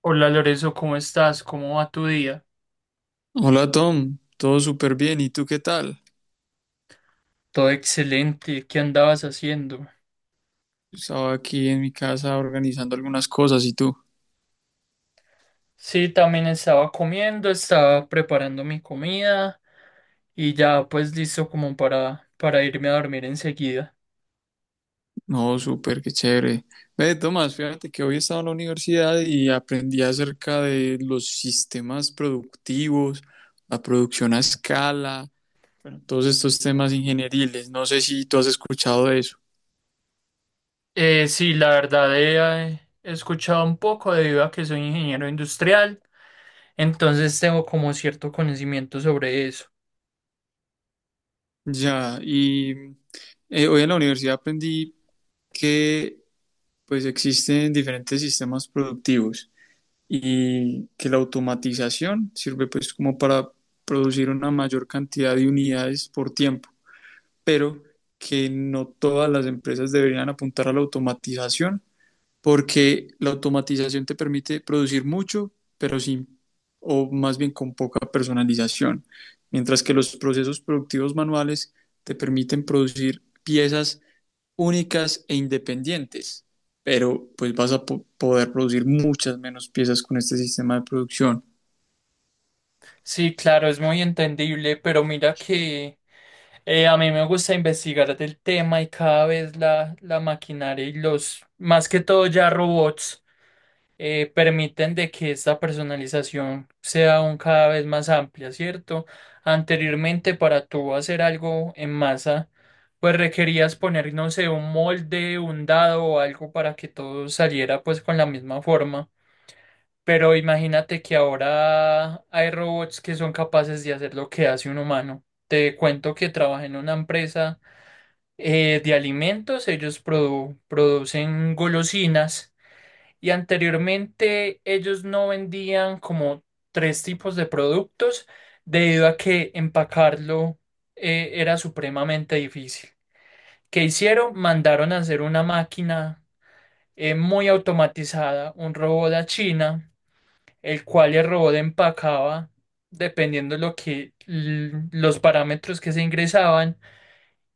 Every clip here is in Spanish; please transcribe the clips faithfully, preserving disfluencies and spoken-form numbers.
Hola Lorenzo, ¿cómo estás? ¿Cómo va tu día? Hola Tom, todo súper bien. ¿Y tú qué tal? Todo excelente. ¿Qué andabas haciendo? Estaba aquí en mi casa organizando algunas cosas, ¿y tú? Sí, también estaba comiendo, estaba preparando mi comida y ya pues listo como para, para irme a dormir enseguida. No, súper, qué chévere. Ve, Tomás, fíjate que hoy estaba en la universidad y aprendí acerca de los sistemas productivos, la producción a escala, bueno, todos estos temas ingenieriles. No sé si tú has escuchado de eso. Eh, sí, la verdad he, eh, he escuchado un poco debido a que soy ingeniero industrial, entonces tengo como cierto conocimiento sobre eso. Ya, y eh, hoy en la universidad aprendí que pues existen diferentes sistemas productivos, y que la automatización sirve pues como para producir una mayor cantidad de unidades por tiempo, pero que no todas las empresas deberían apuntar a la automatización porque la automatización te permite producir mucho, pero sin, o más bien con poca personalización, mientras que los procesos productivos manuales te permiten producir piezas únicas e independientes, pero pues vas a po- poder producir muchas menos piezas con este sistema de producción. Sí, claro, es muy entendible, pero mira que... Eh, a mí me gusta investigar del tema y cada vez la, la maquinaria y los, más que todo ya robots, eh, permiten de que esta personalización sea aún cada vez más amplia, ¿cierto? Anteriormente para tú hacer algo en masa, pues requerías poner, no sé, un molde, un dado o algo para que todo saliera pues con la misma forma. Pero imagínate que ahora hay robots que son capaces de hacer lo que hace un humano. Te cuento que trabajé en una empresa eh, de alimentos, ellos produ- producen golosinas y anteriormente ellos no vendían como tres tipos de productos debido a que empacarlo eh, era supremamente difícil. ¿Qué hicieron? Mandaron a hacer una máquina eh, muy automatizada, un robot a China, el cual el robot empacaba dependiendo lo que l- los parámetros que se ingresaban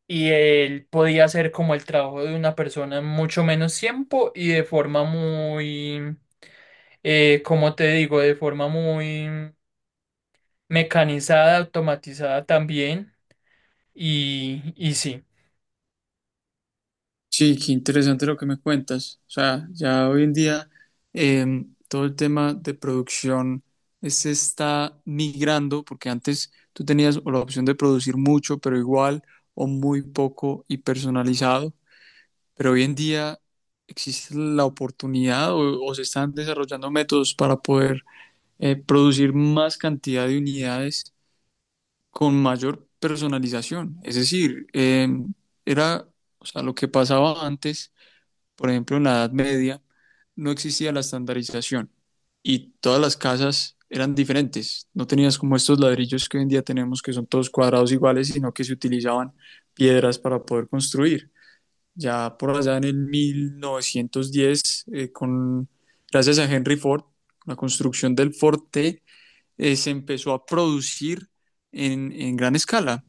y él podía hacer como el trabajo de una persona en mucho menos tiempo y de forma muy, eh, como te digo, de forma muy mecanizada, automatizada también. Y, y sí. Sí, qué interesante lo que me cuentas. O sea, ya hoy en día em, todo el tema de producción, eh, se está migrando porque antes tú tenías o la opción de producir mucho pero igual, o muy poco y personalizado, pero hoy en día existe la oportunidad o, o se están desarrollando métodos para poder eh, producir más cantidad de unidades con mayor personalización. Es decir, eh, era, o sea, lo que pasaba antes, por ejemplo, en la Edad Media, no existía la estandarización y todas las casas eran diferentes. No tenías como estos ladrillos que hoy en día tenemos, que son todos cuadrados iguales, sino que se utilizaban piedras para poder construir. Ya por allá en el mil novecientos diez, eh, con, gracias a Henry Ford, la construcción del Forte, eh, se empezó a producir en, en gran escala.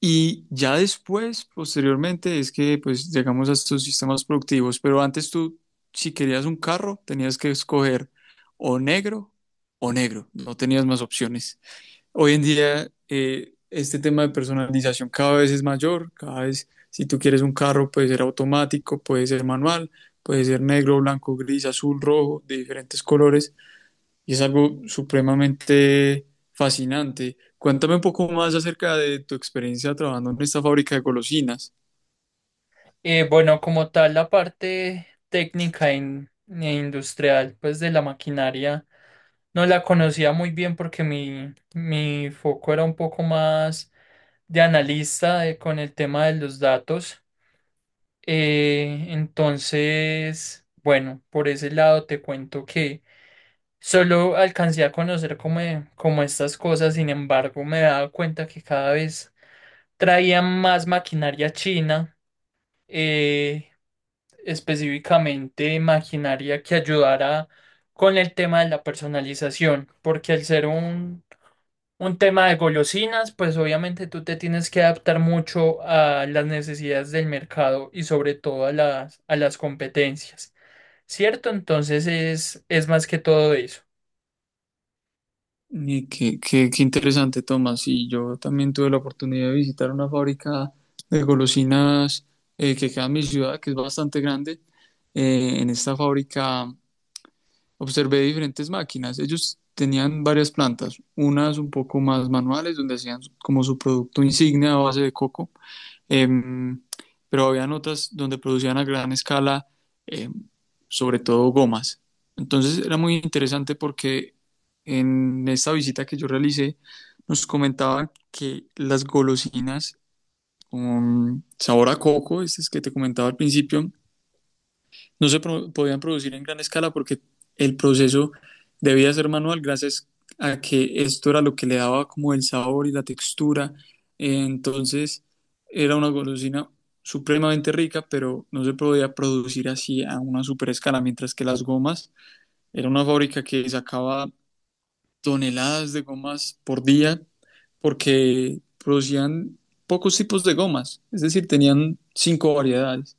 Y ya después, posteriormente, es que pues llegamos a estos sistemas productivos, pero antes tú, si querías un carro, tenías que escoger o negro o negro, no tenías más opciones. Hoy en día, eh, este tema de personalización cada vez es mayor, cada vez si tú quieres un carro puede ser automático, puede ser manual, puede ser negro, blanco, gris, azul, rojo, de diferentes colores. Y es algo supremamente fascinante. Cuéntame un poco más acerca de tu experiencia trabajando en esta fábrica de golosinas. Eh, bueno, como tal, la parte técnica in- e industrial, pues de la maquinaria, no la conocía muy bien porque mi, mi foco era un poco más de analista, eh, con el tema de los datos. Eh, entonces, bueno, por ese lado te cuento que solo alcancé a conocer como, eh, como estas cosas. Sin embargo, me he dado cuenta que cada vez traían más maquinaria china, eh, específicamente maquinaria que ayudara con el tema de la personalización, porque al ser un un tema de golosinas, pues obviamente tú te tienes que adaptar mucho a las necesidades del mercado y sobre todo a las, a las competencias, ¿cierto? Entonces es, es más que todo eso. Y qué, qué, qué interesante, Tomás. Y yo también tuve la oportunidad de visitar una fábrica de golosinas eh, que queda en mi ciudad, que es bastante grande. Eh, en esta fábrica observé diferentes máquinas. Ellos tenían varias plantas, unas un poco más manuales, donde hacían como su producto insignia a base de coco, em, pero habían otras donde producían a gran escala, em, sobre todo gomas. Entonces era muy interesante porque en esta visita que yo realicé, nos comentaban que las golosinas con sabor a coco, estas que te comentaba al principio, no se pro- podían producir en gran escala porque el proceso debía ser manual gracias a que esto era lo que le daba como el sabor y la textura. Eh, Entonces era una golosina supremamente rica, pero no se podía producir así a una super escala, mientras que las gomas era una fábrica que sacaba toneladas de gomas por día porque producían pocos tipos de gomas, es decir, tenían cinco variedades.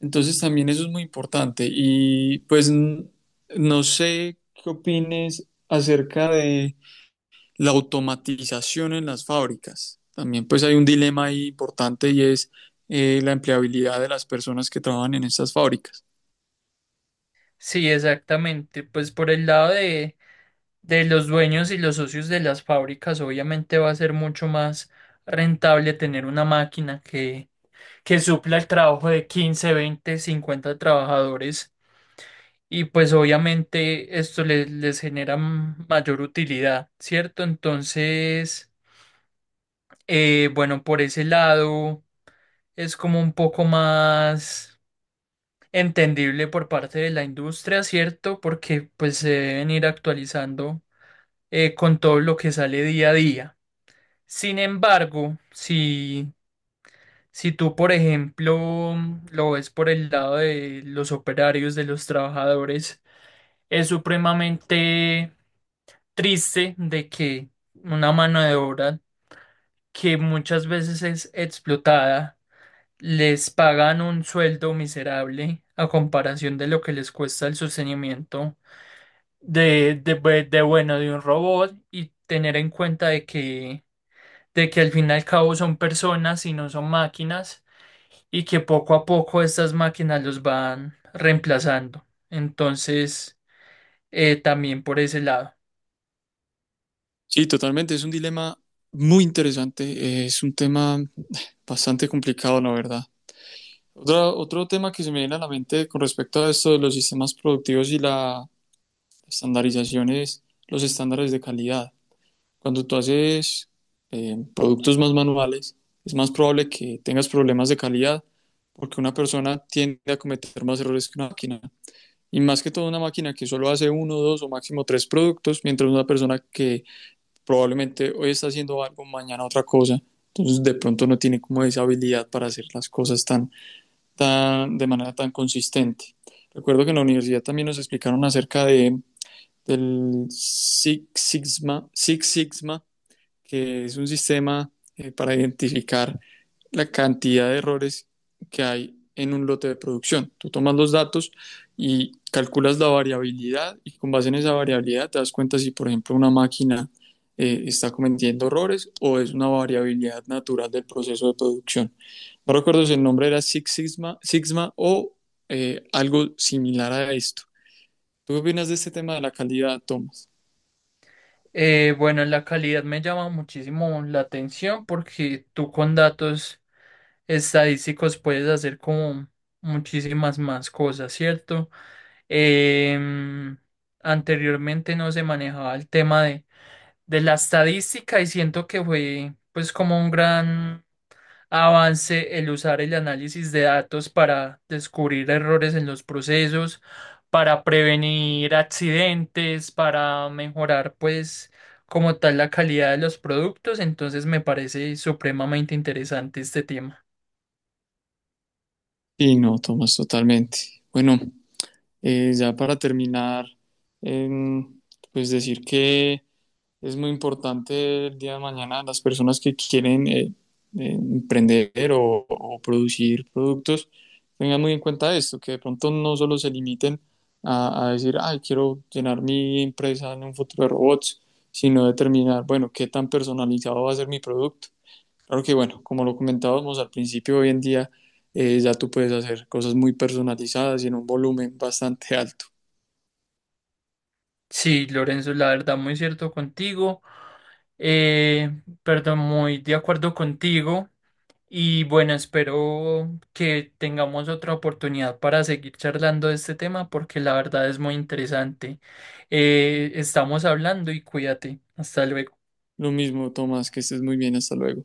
Entonces también eso es muy importante. Y pues n- no sé qué opines acerca de la automatización en las fábricas. También pues hay un dilema ahí importante, y es eh, la empleabilidad de las personas que trabajan en estas fábricas. Sí, exactamente. Pues por el lado de, de los dueños y los socios de las fábricas, obviamente va a ser mucho más rentable tener una máquina que, que supla el trabajo de quince, veinte, cincuenta trabajadores. Y pues obviamente esto les, les genera m- mayor utilidad, ¿cierto? Entonces, eh, bueno, por ese lado es como un poco más entendible por parte de la industria, ¿cierto? Porque pues se deben ir actualizando eh, con todo lo que sale día a día. Sin embargo, si, si tú, por ejemplo, lo ves por el lado de los operarios, de los trabajadores, es supremamente triste de que una mano de obra que muchas veces es explotada, les pagan un sueldo miserable a comparación de lo que les cuesta el sostenimiento de, de, bue- de, bueno, de un robot, y tener en cuenta de que, de que al fin y al cabo son personas y no son máquinas, y que poco a poco estas máquinas los van reemplazando. Entonces, eh, también por ese lado. Sí, totalmente, es un dilema muy interesante, eh, es un tema bastante complicado, la verdad. Otra- otro tema que se me viene a la mente con respecto a esto de los sistemas productivos y la estandarización es los estándares de calidad. Cuando tú haces eh, productos más manuales, es más probable que tengas problemas de calidad porque una persona tiende a cometer más errores que una máquina. Y más que todo una máquina que solo hace uno, dos o máximo tres productos, mientras una persona que probablemente hoy está haciendo algo, mañana otra cosa. Entonces de pronto no tiene como esa habilidad para hacer las cosas tan, tan, de manera tan consistente. Recuerdo que en la universidad también nos explicaron acerca de, del Six Sigma, Six Sigma, que es un sistema eh, para identificar la cantidad de errores que hay en un lote de producción. Tú tomas los datos y calculas la variabilidad, y con base en esa variabilidad te das cuenta si, por ejemplo, una máquina eh, está cometiendo errores, o es una variabilidad natural del proceso de producción. No recuerdo si el nombre era Six Sigma, Sigma o eh, algo similar a esto. ¿Tú qué opinas de este tema de la calidad, Tomás? Eh, bueno, la calidad me llama muchísimo la atención porque tú con datos estadísticos puedes hacer como muchísimas más cosas, ¿cierto? Em, Anteriormente no se manejaba el tema de, de la estadística y siento que fue pues como un gran avance el usar el análisis de datos para descubrir errores en los procesos, para prevenir accidentes, para mejorar pues como tal la calidad de los productos. Entonces me parece supremamente interesante este tema. Sí, no, Tomás, totalmente. Bueno, Eh, ya para terminar, em, pues decir que es muy importante el día de mañana las personas que quieren eh, eh, emprender o, o producir productos, tengan muy en cuenta esto, que de pronto no solo se limiten a, a decir, ay, quiero llenar mi empresa en un futuro de robots, sino determinar, bueno, qué tan personalizado va a ser mi producto. Claro que, bueno, como lo comentábamos al principio, hoy en día eh, ya tú puedes hacer cosas muy personalizadas y en un volumen bastante alto. Sí, Lorenzo, la verdad, muy cierto contigo. Eh, Perdón, muy de acuerdo contigo. Y bueno, espero que tengamos otra oportunidad para seguir charlando de este tema porque la verdad es muy interesante. Eh, estamos hablando y cuídate. Hasta luego. Lo mismo, Tomás, que estés muy bien, hasta luego.